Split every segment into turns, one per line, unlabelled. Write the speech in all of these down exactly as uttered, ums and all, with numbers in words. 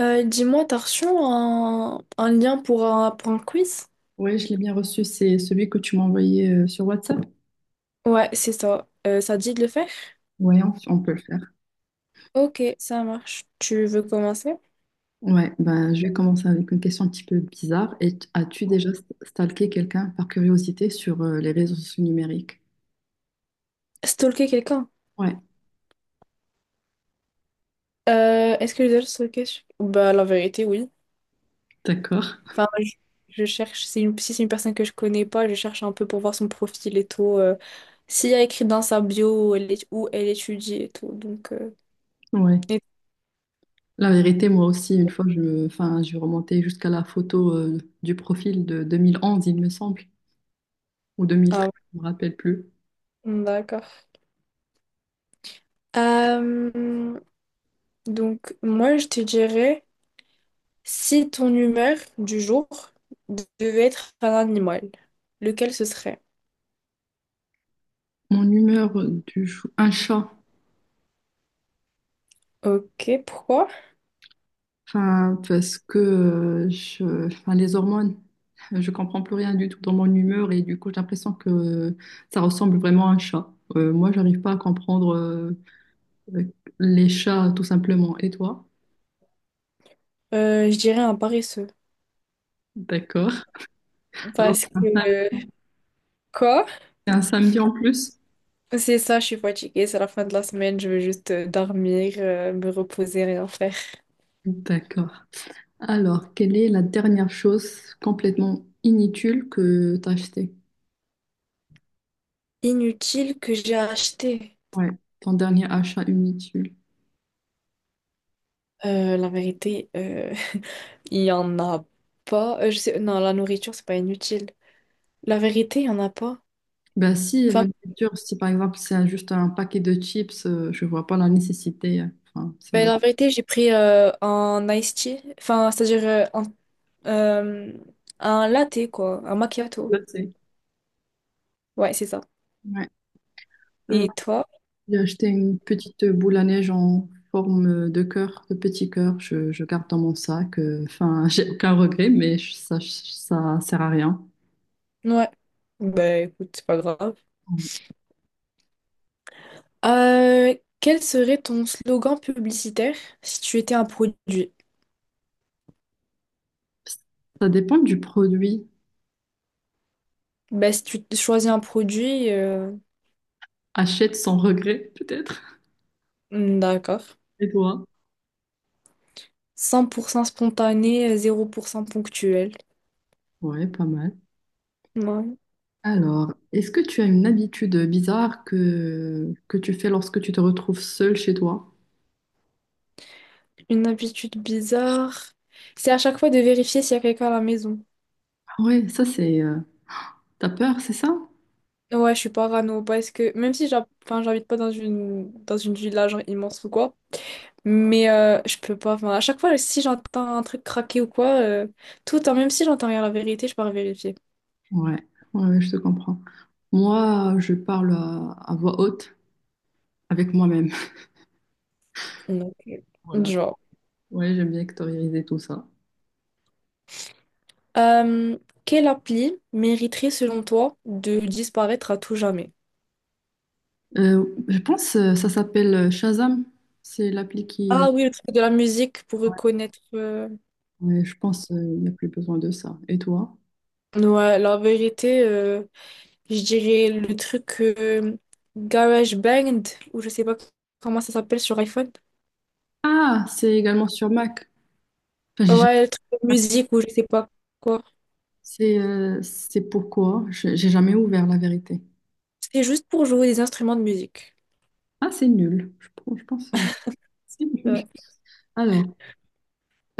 Euh, dis-moi, t'as reçu un, un lien pour un, pour un quiz?
Ouais, je l'ai bien reçu. C'est celui que tu m'as envoyé euh, sur WhatsApp.
Ouais, c'est ça. Euh, ça te dit de le faire?
Ouais, on, on peut le faire.
Ok, ça marche. Tu veux commencer?
Ouais, ben je vais commencer avec une question un petit peu bizarre. Et as-tu déjà stalké quelqu'un par curiosité sur euh, les réseaux sociaux numériques?
Stalker quelqu'un?
Ouais,
Euh, est-ce que je dois le stalker? sur- Bah, la vérité, oui.
d'accord.
Enfin, je, je cherche, c'est une- si c'est une personne que je connais pas, je cherche un peu pour voir son profil et tout. Euh, s'il y a écrit dans sa bio où elle, est- où elle étudie et tout. Donc, euh,
Ouais.
et-
La vérité, moi aussi, une fois, je me, enfin, je remontais jusqu'à la photo euh, du profil de deux mille onze, il me semble, ou
ah
deux mille treize,
ouais,
je me rappelle plus.
d'accord. Euh, donc, moi, je te dirais. Si ton humeur du jour devait être un animal, lequel ce serait?
Mon humeur du jour, un chat.
Ok, pourquoi?
Enfin, parce que euh, je, enfin, les hormones, je comprends plus rien du tout dans mon humeur et du coup, j'ai l'impression que ça ressemble vraiment à un chat. Euh, moi, j'arrive pas à comprendre euh, les chats tout simplement. Et toi?
Euh, je dirais un paresseux.
D'accord. Alors,
Parce
c'est un sam-
que, quoi?
c'est un samedi en plus?
C'est ça, je suis fatiguée, c'est la fin de la semaine, je veux juste euh, dormir, euh, me reposer, rien faire.
D'accord. Alors, quelle est la dernière chose complètement inutile que tu as achetée?
Inutile que j'ai acheté.
Ouais, ton dernier achat inutile.
Euh, la vérité, euh, il y en a pas. Euh, je sais, non, la nourriture, c'est pas inutile. La vérité, il y en a pas.
Ben si,
Enfin,
la nourriture, si par exemple c'est juste un paquet de chips, euh, je vois pas la nécessité. euh, Enfin, c'est
ben,
un.
la vérité, j'ai pris euh, un iced tea, enfin, c'est-à-dire euh, un Euh, un latte, quoi. Un macchiato.
Là, c'est-
Ouais, c'est ça.
Ouais. Euh,
Et toi?
j'ai acheté une petite boule à neige en forme euh, de cœur, de petit cœur. Je, je garde dans mon sac. euh, Enfin, j'ai aucun regret, mais je- ça, ça sert à rien.
Ouais. Bah écoute, c'est pas grave.
Ouais.
Euh, Quel serait ton slogan publicitaire si tu étais un produit?
Ça dépend du produit.
Ben, si tu choisis un produit, euh,
Achète sans regret, peut-être.
hmm, d'accord.
Et toi?
Cent pour cent spontané, zéro pour cent ponctuel.
Ouais, pas mal.
Ouais.
Alors, est-ce que tu as une habitude bizarre que, que tu fais lorsque tu te retrouves seule chez toi?
Une habitude bizarre. C'est à chaque fois de vérifier s'il y a quelqu'un à la maison.
Ouais, ça c'est. Euh, T'as peur, c'est ça?
Ouais, je suis parano parce que même si j'ha- enfin, j'habite pas dans une dans une ville là, genre immense ou quoi. Mais euh, je peux pas. Enfin, à chaque fois, si j'entends un truc craquer ou quoi, euh, tout, hein, même si j'entends rien la vérité, je pars vérifier.
Ouais. Ouais, ouais, je te comprends. Moi, je parle à, à voix haute avec moi-même.
Donc, euh,
Voilà.
genre.
Ouais, j'aime bien extérioriser tout ça.
Euh, Quelle appli mériterait, selon toi, de disparaître à tout jamais?
Euh, je pense euh, ça s'appelle euh, Shazam. C'est l'appli qui. Euh,
Ah oui, le truc de la musique pour reconnaître. euh,
ouais, je pense euh, il n'y a plus besoin de ça. Et toi?
Ouais, la vérité, euh, je dirais le truc euh, GarageBand, ou je sais pas comment ça s'appelle sur iPhone.
Ah, c'est également sur Mac. Enfin, j'ai jamais-
Ouais, le truc de musique, ou je sais pas quoi.
C'est euh, c'est pourquoi j'ai j'ai jamais ouvert la vérité.
C'est juste pour jouer des instruments de musique.
Ah, c'est nul. Je, pense je pense que c'est
Euh,
nul. Alors.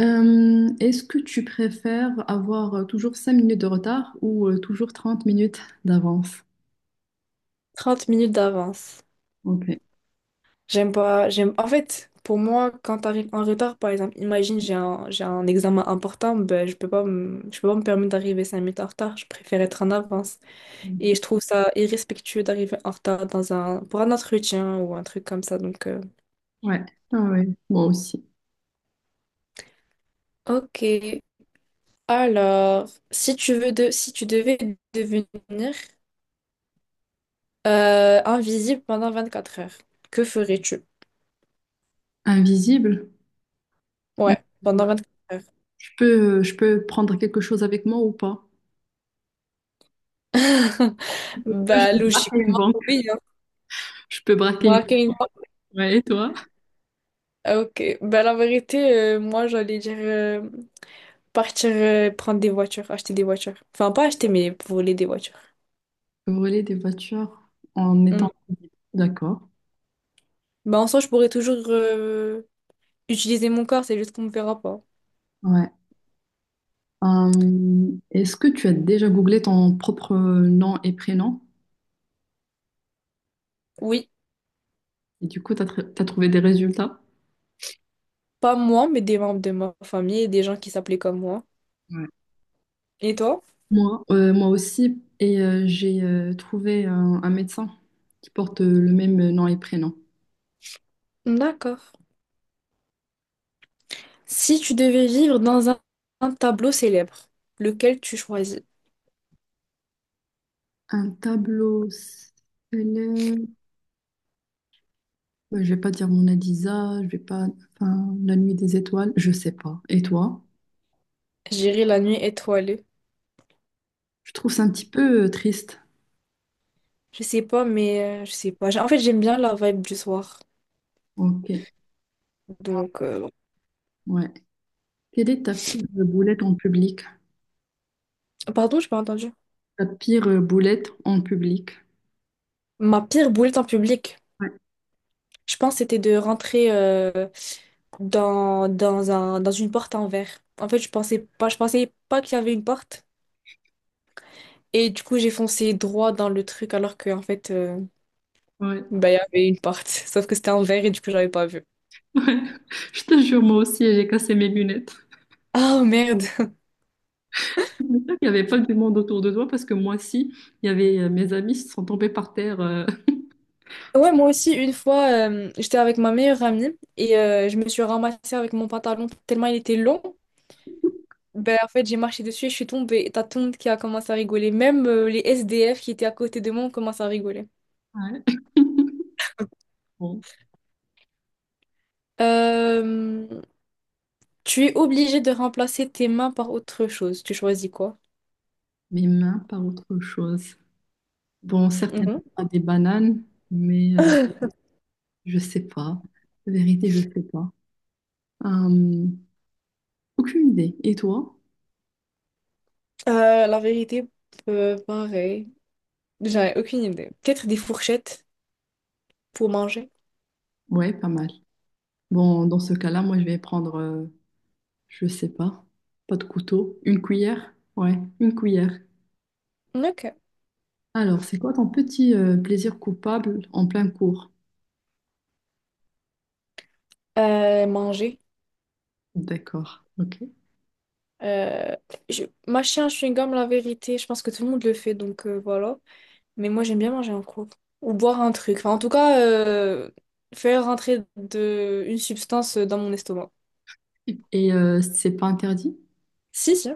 Euh, est-ce que tu préfères avoir euh, toujours cinq minutes de retard ou euh, toujours trente minutes d'avance?
Trente minutes d'avance.
Ok.
J'aime pas, j'aime. En fait, pour moi, quand t'arrives en retard, par exemple, imagine j'ai un, j'ai un examen important, ben, je peux pas me, je peux pas me permettre d'arriver cinq minutes en retard. Je préfère être en avance. Et je trouve ça irrespectueux d'arriver en retard dans un, pour un entretien ou un truc comme ça. Donc, euh,
Ouais. Ah ouais, moi aussi.
ok. Alors, si tu veux de, si tu devais devenir euh, invisible pendant vingt-quatre heures, que ferais-tu?
Invisible? Mais
Ouais, pendant vingt-quatre
Je peux, je peux prendre quelque chose avec moi ou pas?
heures.
Je peux, je
Bah,
peux braquer une
logiquement,
banque.
oui.
Je peux, braquer une
Braquer une
banque.
banque?
Ouais, et toi?
Ah, ok. Ben, la vérité, euh, moi, j'allais dire euh, partir euh, prendre des voitures, acheter des voitures. Enfin, pas acheter, mais voler des voitures.
Voler des voitures en
Hmm.
étant d'accord.
Ben, en soi, je pourrais toujours euh, utiliser mon corps, c'est juste qu'on me verra pas.
Ouais. Euh, est-ce que tu as déjà googlé ton propre nom et prénom
Oui,
et du coup, tu as trouvé des résultats?
pas moi, mais des membres de ma famille et des gens qui s'appelaient comme moi. Et toi?
Moi, euh, moi aussi, et euh, j'ai euh, trouvé un, un médecin qui porte euh, le même euh, nom et prénom.
D'accord. Si tu devais vivre dans un, un tableau célèbre, lequel tu choisis?
Un tableau célèbre. Ouais, je vais pas dire mon Adisa, je vais pas. Enfin, la nuit des étoiles, je sais pas. Et toi?
J'irai la nuit étoilée.
Je trouve ça un petit peu euh, triste.
Je sais pas, mais euh, je sais pas. J'ai- En fait, j'aime bien la vibe du soir.
Ok,
Donc, euh,
ouais. Quelle est ta pire boulette en public?
pardon, j'ai pas entendu.
Ta pire euh, boulette en public?
Ma pire boulette en public,
Ouais,
je pense, c'était de rentrer euh, dans, dans un, dans une porte en verre. En fait, je pensais pas, je pensais pas qu'il y avait une porte. Et du coup, j'ai foncé droit dans le truc alors que, en fait, euh,
ouais, ouais.
bah, il y avait une porte. Sauf que c'était en verre et du coup, j'avais pas vu.
Je te jure, moi aussi, j'ai cassé mes lunettes.
Oh merde.
J'espère qu'il n'y avait pas du monde autour de toi parce que moi, si, il y avait euh, mes amis qui sont tombés par terre. euh,
Ouais, moi aussi, une fois, euh, j'étais avec ma meilleure amie et euh, je me suis ramassée avec mon pantalon tellement il était long. Ben, en fait, j'ai marché dessus et je suis tombée. Et t'as tout le monde qui a commencé à rigoler. Même euh, les S D F qui étaient à côté de moi ont commencé à rigoler.
Ouais. Bon,
Euh, Tu es obligé de remplacer tes mains par autre chose. Tu choisis quoi?
mes mains, pas autre chose. Bon, certainement
Mhm.
pas des bananes, mais euh, je sais pas. La vérité, je sais pas. Euh, Aucune idée. Et toi?
Euh, la vérité, euh, pareil. J'en ai aucune idée. Peut-être des fourchettes pour manger.
Ouais, pas mal. Bon, dans ce cas-là, moi, je vais prendre, euh, je sais pas, pas de couteau, une cuillère. Ouais, une cuillère.
Ok.
Alors, c'est quoi ton petit euh, plaisir coupable en plein cours?
Euh, manger.
D'accord. Ok.
Euh, je... Mâcher un chewing-gum, la vérité, je pense que tout le monde le fait, donc euh, voilà. Mais moi, j'aime bien manger en groupe. Ou boire un truc. Enfin, en tout cas, euh, faire rentrer de... une substance dans mon estomac.
Et euh, c'est pas interdit?
Si, si,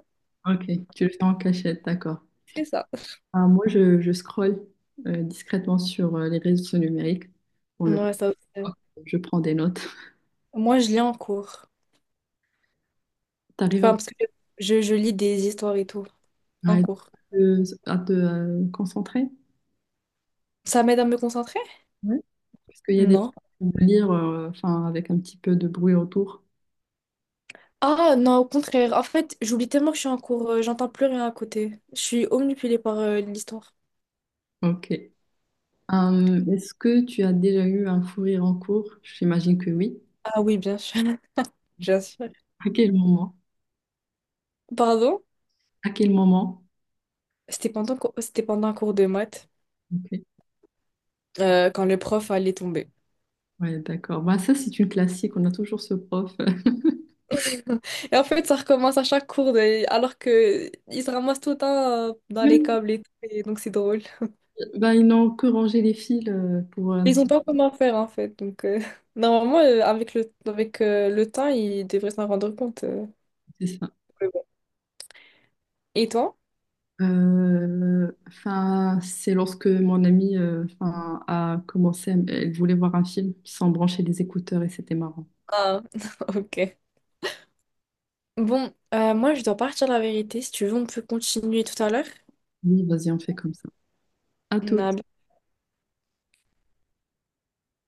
Ok, tu le fais en cachette, d'accord.
c'est ça.
Ah, moi, je, je scrolle euh, discrètement sur euh, les réseaux sociaux numériques. On le voit.
Ouais, ça aussi.
Je prends des notes.
Moi, je lis en cours.
T'arrives à,
Enfin, parce que je, je lis des histoires et tout
à
en cours.
te, à te, euh, concentrer?
Ça m'aide à me concentrer?
Ouais. Parce qu'il y a des
Non.
choses à lire euh, enfin, avec un petit peu de bruit autour.
Ah non, au contraire. En fait, j'oublie tellement que je suis en cours, euh, j'entends plus rien à côté. Je suis omnipulée par euh, l'histoire.
Ok. Hum, est-ce que tu as déjà eu un fou rire en cours? J'imagine que oui.
Ah oui, bien sûr. Bien sûr.
À quel moment?
Pardon?
À quel moment?
C'était pendant, co- c'était pendant un cours de maths,
Ok.
euh, quand le prof allait tomber.
Ouais, d'accord. Bah, ça, c'est une classique. On a toujours ce prof.
Et en fait, ça recommence à chaque cours, de- alors que ils se ramassent tout le temps euh, dans les
Oui.
câbles et tout, et donc c'est drôle.
Ben, ils n'ont que rangé les fils euh, pour un
Ils
petit
ont pas comment faire en fait, donc euh, normalement euh, avec le avec euh, le temps, ils devraient s'en rendre compte. euh.
peu, c'est ça.
Mais bon. Et toi?
Euh, Enfin, c'est lorsque mon amie euh, enfin, a commencé, à- m- elle voulait voir un film sans brancher les écouteurs et c'était marrant.
Ah, ok. Bon, euh, moi je dois partir la vérité. Si tu veux, on peut continuer tout à l'heure.
Oui, vas-y, on fait comme ça. À tout.
On a